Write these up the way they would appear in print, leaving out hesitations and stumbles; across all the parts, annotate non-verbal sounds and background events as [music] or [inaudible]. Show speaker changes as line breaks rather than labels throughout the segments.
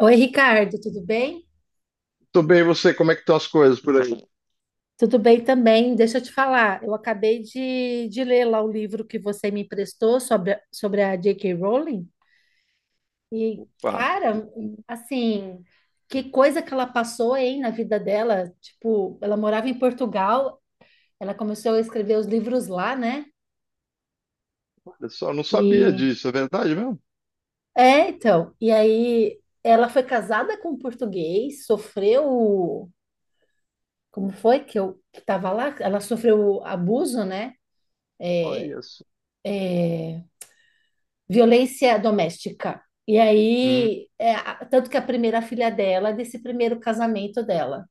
Oi, Ricardo, tudo bem?
Tô bem, e você? Como é que estão as coisas por aí?
Tudo bem também. Deixa eu te falar, eu acabei de ler lá o livro que você me emprestou sobre a J.K. Rowling. E,
Pá,
cara, assim, que coisa que ela passou, hein, na vida dela. Tipo, ela morava em Portugal, ela começou a escrever os livros lá, né?
olha só, não sabia
E.
disso, é verdade mesmo?
É, então. E aí, ela foi casada com um português, sofreu. Como foi que eu que estava lá? Ela sofreu abuso, né?
Olha só.
É, violência doméstica. E
Hum,
aí, é, tanto que a primeira filha dela é desse primeiro casamento dela.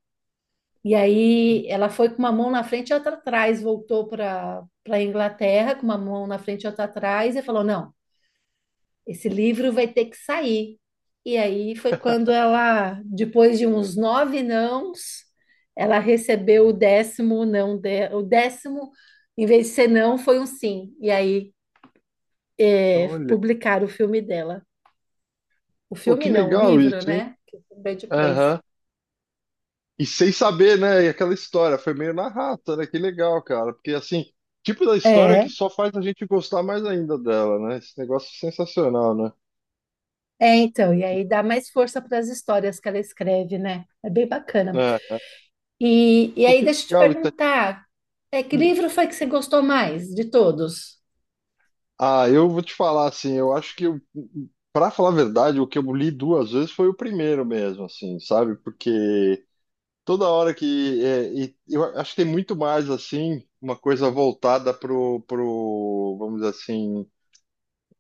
E aí, ela foi com uma mão na frente e outra atrás, voltou para a Inglaterra com uma mão na frente e outra atrás e falou: Não, esse livro vai ter que sair. E aí foi quando ela, depois de uns nove nãos, ela recebeu o décimo não, em vez de ser não, foi um sim. E aí, é,
Olha.
publicaram o filme dela. O
Pô, que
filme não, o
legal
livro,
isso, hein?
né? Que eu depois.
Aham. E sem saber, né? E aquela história, foi meio na rata, né? Que legal, cara. Porque, assim, tipo da história que
É,
só faz a gente gostar mais ainda dela, né? Esse negócio é sensacional, né?
é, então, e aí dá mais força para as histórias que ela escreve, né? É bem bacana.
É.
E,
Pô,
aí,
que
deixa eu te
legal isso.
perguntar, que
Hum.
livro foi que você gostou mais de todos?
Ah, eu vou te falar, assim, eu acho que, eu, pra falar a verdade, o que eu li duas vezes foi o primeiro mesmo, assim, sabe? Porque. Toda hora que é, e eu acho que tem muito mais assim uma coisa voltada pro vamos dizer assim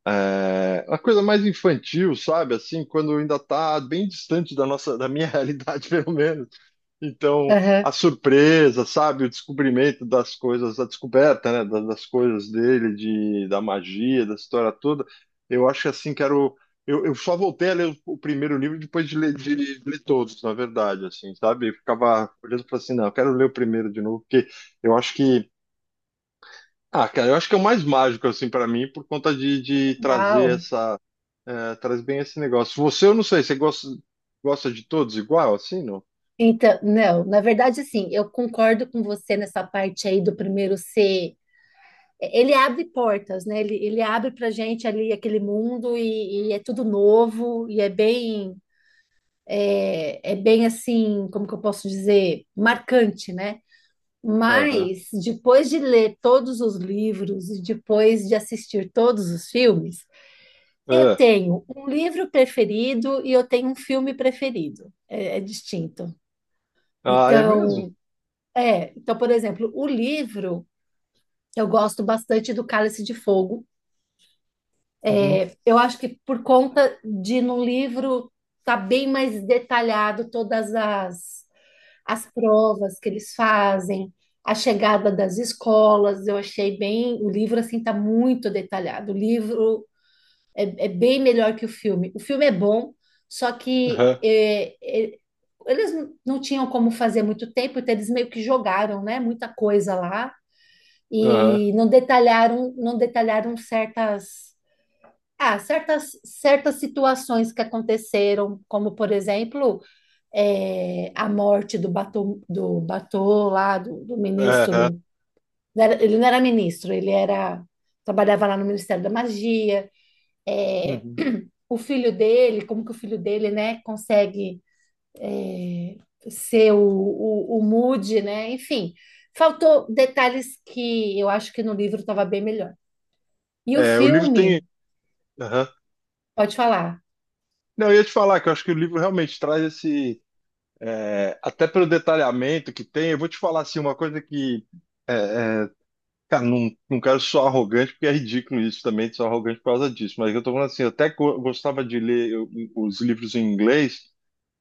é, uma coisa mais infantil sabe assim quando ainda tá bem distante da nossa da minha [laughs] realidade pelo menos então,
Aham.
a surpresa, sabe, o descobrimento das coisas, a descoberta, né, das coisas dele, da magia, da história toda, eu acho que assim, quero. Eu só voltei a ler o primeiro livro depois de ler todos, na verdade, assim, sabe? Eu ficava olhando para assim, não, eu quero ler o primeiro de novo, porque eu acho que. Ah, cara, eu acho que é o mais mágico, assim, para mim, por conta de trazer
Legal.
essa. Traz bem esse negócio. Você, eu não sei, você gosta de todos igual, assim, não?
Então, não, na verdade, assim, eu concordo com você nessa parte aí do primeiro ser. Ele abre portas, né? Ele abre pra gente ali aquele mundo e é tudo novo e é bem assim, como que eu posso dizer, marcante, né?
Aham.
Mas depois de ler todos os livros e depois de assistir todos os filmes, eu
É.
tenho um livro preferido e eu tenho um filme preferido. É distinto.
Ah, é mesmo?
Então, então, por exemplo, o livro eu gosto bastante do Cálice de Fogo.
Uhum.
Eu acho que por conta de no livro tá bem mais detalhado todas as provas que eles fazem, a chegada das escolas, eu achei bem, o livro assim tá muito detalhado. O livro é bem melhor que o filme. O filme é bom, só que
Aham,
é, eles não tinham como fazer muito tempo, então eles meio que jogaram, né, muita coisa lá
aham,
e não detalharam, não detalharam certas situações que aconteceram, como por exemplo, a morte do Batô lá, do
aham,
ministro. Ele não era ministro, ele era trabalhava lá no Ministério da Magia. É,
uhum.
o filho dele, como que o filho dele, né, consegue é, ser o Moody, né? Enfim, faltou detalhes que eu acho que no livro estava bem melhor. E o
É, o livro tem.
filme,
Aham.
pode falar.
Não, eu ia te falar que eu acho que o livro realmente traz esse. É, até pelo detalhamento que tem, eu vou te falar assim, uma coisa que. é, é, Cara, não quero ser arrogante, porque é ridículo isso também, de ser arrogante por causa disso, mas eu tô falando assim, eu até gostava de ler os livros em inglês.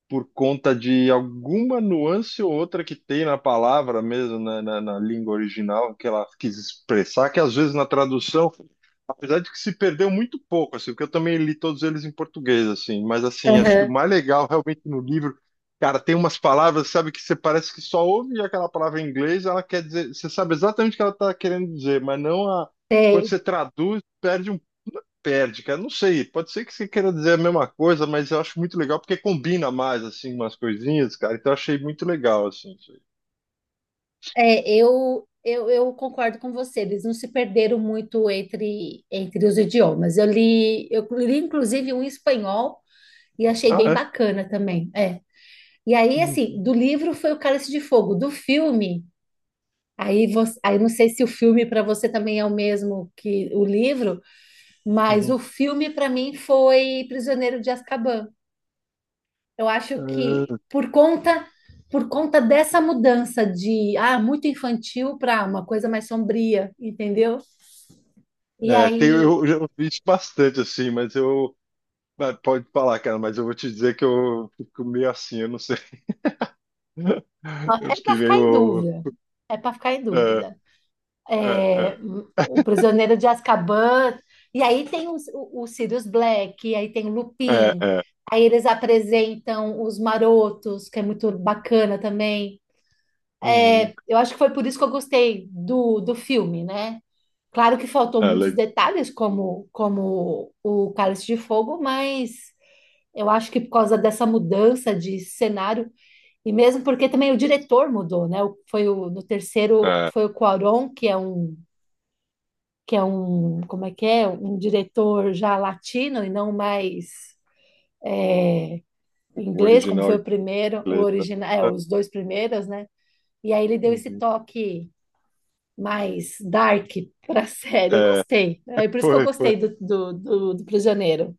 Por conta de alguma nuance ou outra que tem na palavra mesmo, né, na língua original, que ela quis expressar, que às vezes na tradução, apesar de que se perdeu muito pouco, assim, porque eu também li todos eles em português, assim, mas assim, acho que o
Aham.
mais legal realmente no livro, cara, tem umas palavras, sabe, que você parece que só ouve aquela palavra em inglês, ela quer dizer, você sabe exatamente o que ela está querendo dizer, mas não a. Quando você traduz, perde perde, cara. Não sei, pode ser que você queira dizer a mesma coisa, mas eu acho muito legal porque combina mais, assim, umas coisinhas, cara. Então eu achei muito legal, assim. Isso aí.
É, eu concordo com você, eles não se perderam muito entre, entre os idiomas. Eu li, inclusive, um em espanhol e achei
Ah,
bem
é?
bacana também. É. E aí,
Uhum,
assim, do livro foi o Cálice de Fogo, do filme. Aí, você, aí não sei se o filme para você também é o mesmo que o livro, mas
uhum.
o filme para mim foi Prisioneiro de Azkaban. Eu acho que por conta dessa mudança de muito infantil para uma coisa mais sombria, entendeu? E
É, é, tem,
aí
eu já ouvi isso bastante, assim, mas eu. Mas pode falar, cara, mas eu vou te dizer que eu fico meio assim, eu não sei.
ó,
[laughs] Eu
é para
fiquei
ficar em
meio.
dúvida. É para ficar em
É,
dúvida. É,
é,
o Prisioneiro de Azkaban, e aí tem o Sirius Black, e aí tem o
é, é,
Lupin.
é.
Aí eles apresentam os Marotos, que é muito bacana também. É,
Uhum.
eu acho que foi por isso que eu gostei do filme, né? Claro que faltou
É,
muitos detalhes, como, como o Cálice de Fogo, mas eu acho que por causa dessa mudança de cenário, e mesmo porque também o diretor mudou, né? No terceiro,
é,
foi o Cuarón, que é um, como é que é? Um diretor já latino e não mais
o
inglês, como
original
foi
em
o primeiro, o
inglês. Tá?
original, é, os dois primeiros, né? E aí ele deu esse
Uhum.
toque mais dark para a [laughs] série. Eu
É,
gostei. É por isso que eu
foi, foi.
gostei do Prisioneiro.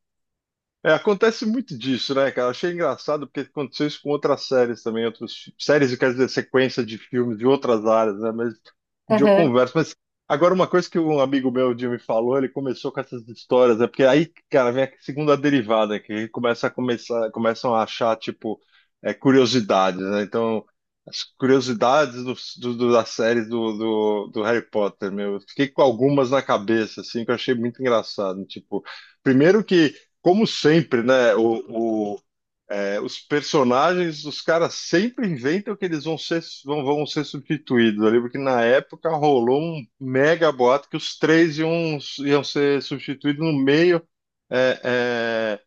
É, acontece muito disso, né, cara? Achei engraçado porque aconteceu isso com outras séries também, outras séries, eu quero dizer, sequência de filmes de outras áreas, né? Mas de dia eu
Aham,
converso. Mas agora, uma coisa que um amigo meu, o Jimmy, falou, ele começou com essas histórias, né? Porque aí, cara, vem a segunda derivada, né? Que começa a começar, começam a achar, tipo, é, curiosidades, né? Então, as curiosidades das séries do Harry Potter, meu. Eu fiquei com algumas na cabeça, assim, que eu achei muito engraçado. Tipo, primeiro que. Como sempre, né? Os personagens, os caras sempre inventam que eles vão ser, vão, vão ser substituídos ali, porque na época rolou um mega boato que os três iam ser substituídos no meio é, é,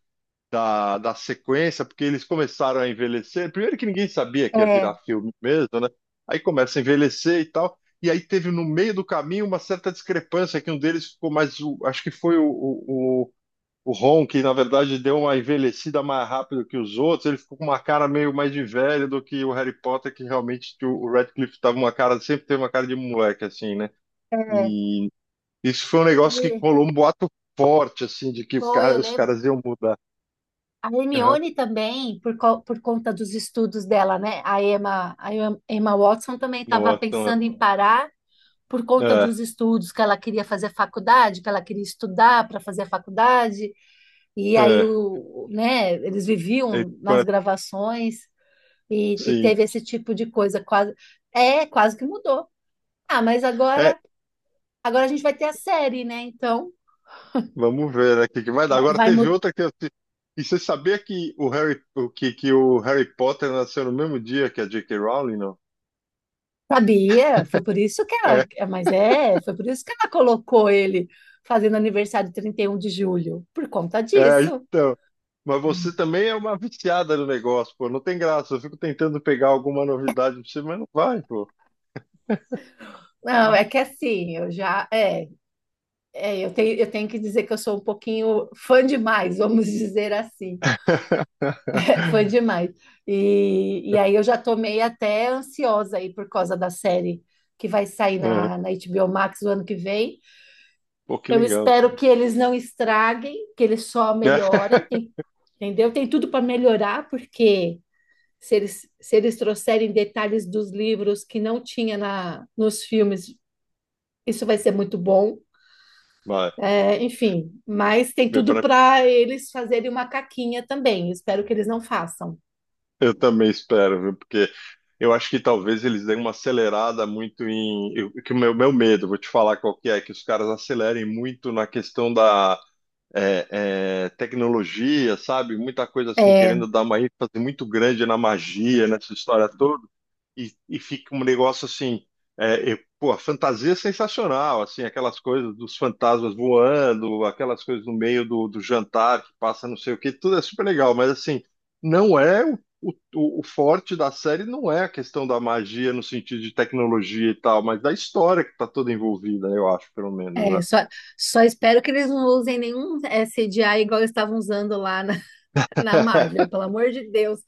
da sequência, porque eles começaram a envelhecer. Primeiro que ninguém sabia que ia
É,
virar filme mesmo, né? Aí começa a envelhecer e tal. E aí teve no meio do caminho uma certa discrepância que um deles ficou mais, acho que foi o- o Ron, que na verdade deu uma envelhecida mais rápido que os outros, ele ficou com uma cara meio mais de velho do que o Harry Potter, que realmente que o Radcliffe tava uma cara, sempre teve uma cara de moleque, assim, né?
é.
E isso foi um negócio que
Aí,
rolou um boato forte, assim, de que o
foi, eu
cara, os
lembro.
caras iam mudar.
A
Aham,
Hermione também, por conta dos estudos dela, né? A Emma Watson também
um
estava
boato então,
pensando em parar por conta
é,
dos estudos, que ela queria fazer faculdade, que ela queria estudar para fazer a faculdade. E aí,
é,
né, eles
é,
viviam nas
agora,
gravações e
sim.
teve esse tipo de coisa. Quase que mudou. Ah, mas
É,
agora a gente vai ter a série, né? Então,
vamos ver, né, o que que vai dar.
va-
Agora
vai,
teve
mu-
outra que eu. E você sabia que o Harry, o que, que o Harry Potter nasceu no mesmo dia que a J.K. Rowling, não?
Sabia,
É.
foi por isso que ela colocou ele fazendo aniversário 31 de julho, por conta
É,
disso.
então. Mas você também é uma viciada no negócio, pô. Não tem graça. Eu fico tentando pegar alguma novidade pra você, mas não vai, pô.
Não, é que assim, eu já, eu tenho que dizer que eu sou um pouquinho fã demais, vamos dizer assim, [laughs] fã demais. E, aí eu já tô meio até ansiosa aí por causa da série que vai sair
É.
na HBO Max o ano que vem.
Pô, que
Eu
legal, cara.
espero que eles não estraguem, que eles só melhorem,
[laughs]
entendeu? Tem tudo para melhorar, porque se eles trouxerem detalhes dos livros que não tinha na, nos filmes, isso vai ser muito bom.
Vai.
É, enfim, mas tem
Eu,
tudo
pra-
para eles fazerem uma caquinha também. Espero que eles não façam.
eu também espero, viu? Porque eu acho que talvez eles deem uma acelerada muito em. Que o meu medo, vou te falar qual que é, que os caras acelerem muito na questão da tecnologia, sabe? Muita coisa assim,
É,
querendo dar uma ênfase muito grande na magia, nessa história toda. E fica um negócio assim, pô, a fantasia é sensacional, assim, aquelas coisas dos fantasmas voando, aquelas coisas no meio do jantar que passa não sei o que, tudo é super legal, mas assim, não é o forte da série não é a questão da magia no sentido de tecnologia e tal, mas da história que está toda envolvida, eu acho, pelo menos,
é,
né?
só, só espero que eles não usem nenhum CGI igual eles estavam usando lá na Marvel,
[laughs]
pelo amor de Deus,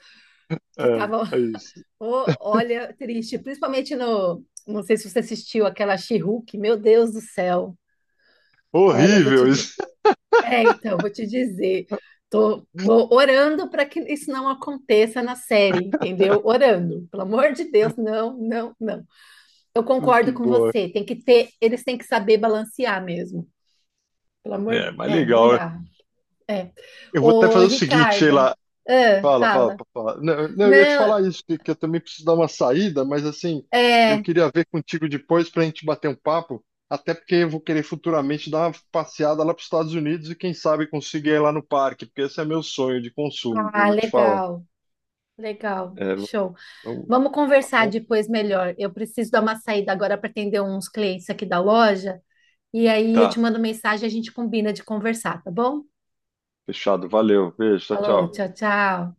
que
É,
tava
é isso.
Ô, olha, triste, principalmente no. Não sei se você assistiu aquela She-Hulk, meu Deus do céu. Olha, eu vou te
Horrível
dizer.
isso.
É, então, vou te dizer. Tô
[laughs]
orando para que isso não aconteça na série, entendeu? Orando. Pelo amor de Deus, não, não, não. Eu
Que
concordo com
boa.
você. Tem que ter, eles têm que saber balancear mesmo. Pelo
É,
amor,
mas
não
legal.
dá. É.
Eu vou até
Ô,
fazer o seguinte, sei
Ricardo,
lá. Fala, fala,
fala.
fala. Não, eu ia te
Não,
falar isso, que eu também preciso dar uma saída, mas assim, eu
é,
queria ver contigo depois para a gente bater um papo, até porque eu vou querer futuramente dar uma passeada lá para os Estados Unidos e quem sabe conseguir ir lá no parque, porque esse é meu sonho de consumo, eu vou te falar.
legal, legal,
É,
show.
vamos-
Vamos
tá
conversar
bom?
depois melhor. Eu preciso dar uma saída agora para atender uns clientes aqui da loja. E aí eu te
Tá,
mando mensagem e a gente combina de conversar, tá bom?
fechado, valeu, beijo, tchau,
Falou,
tchau.
tchau, tchau.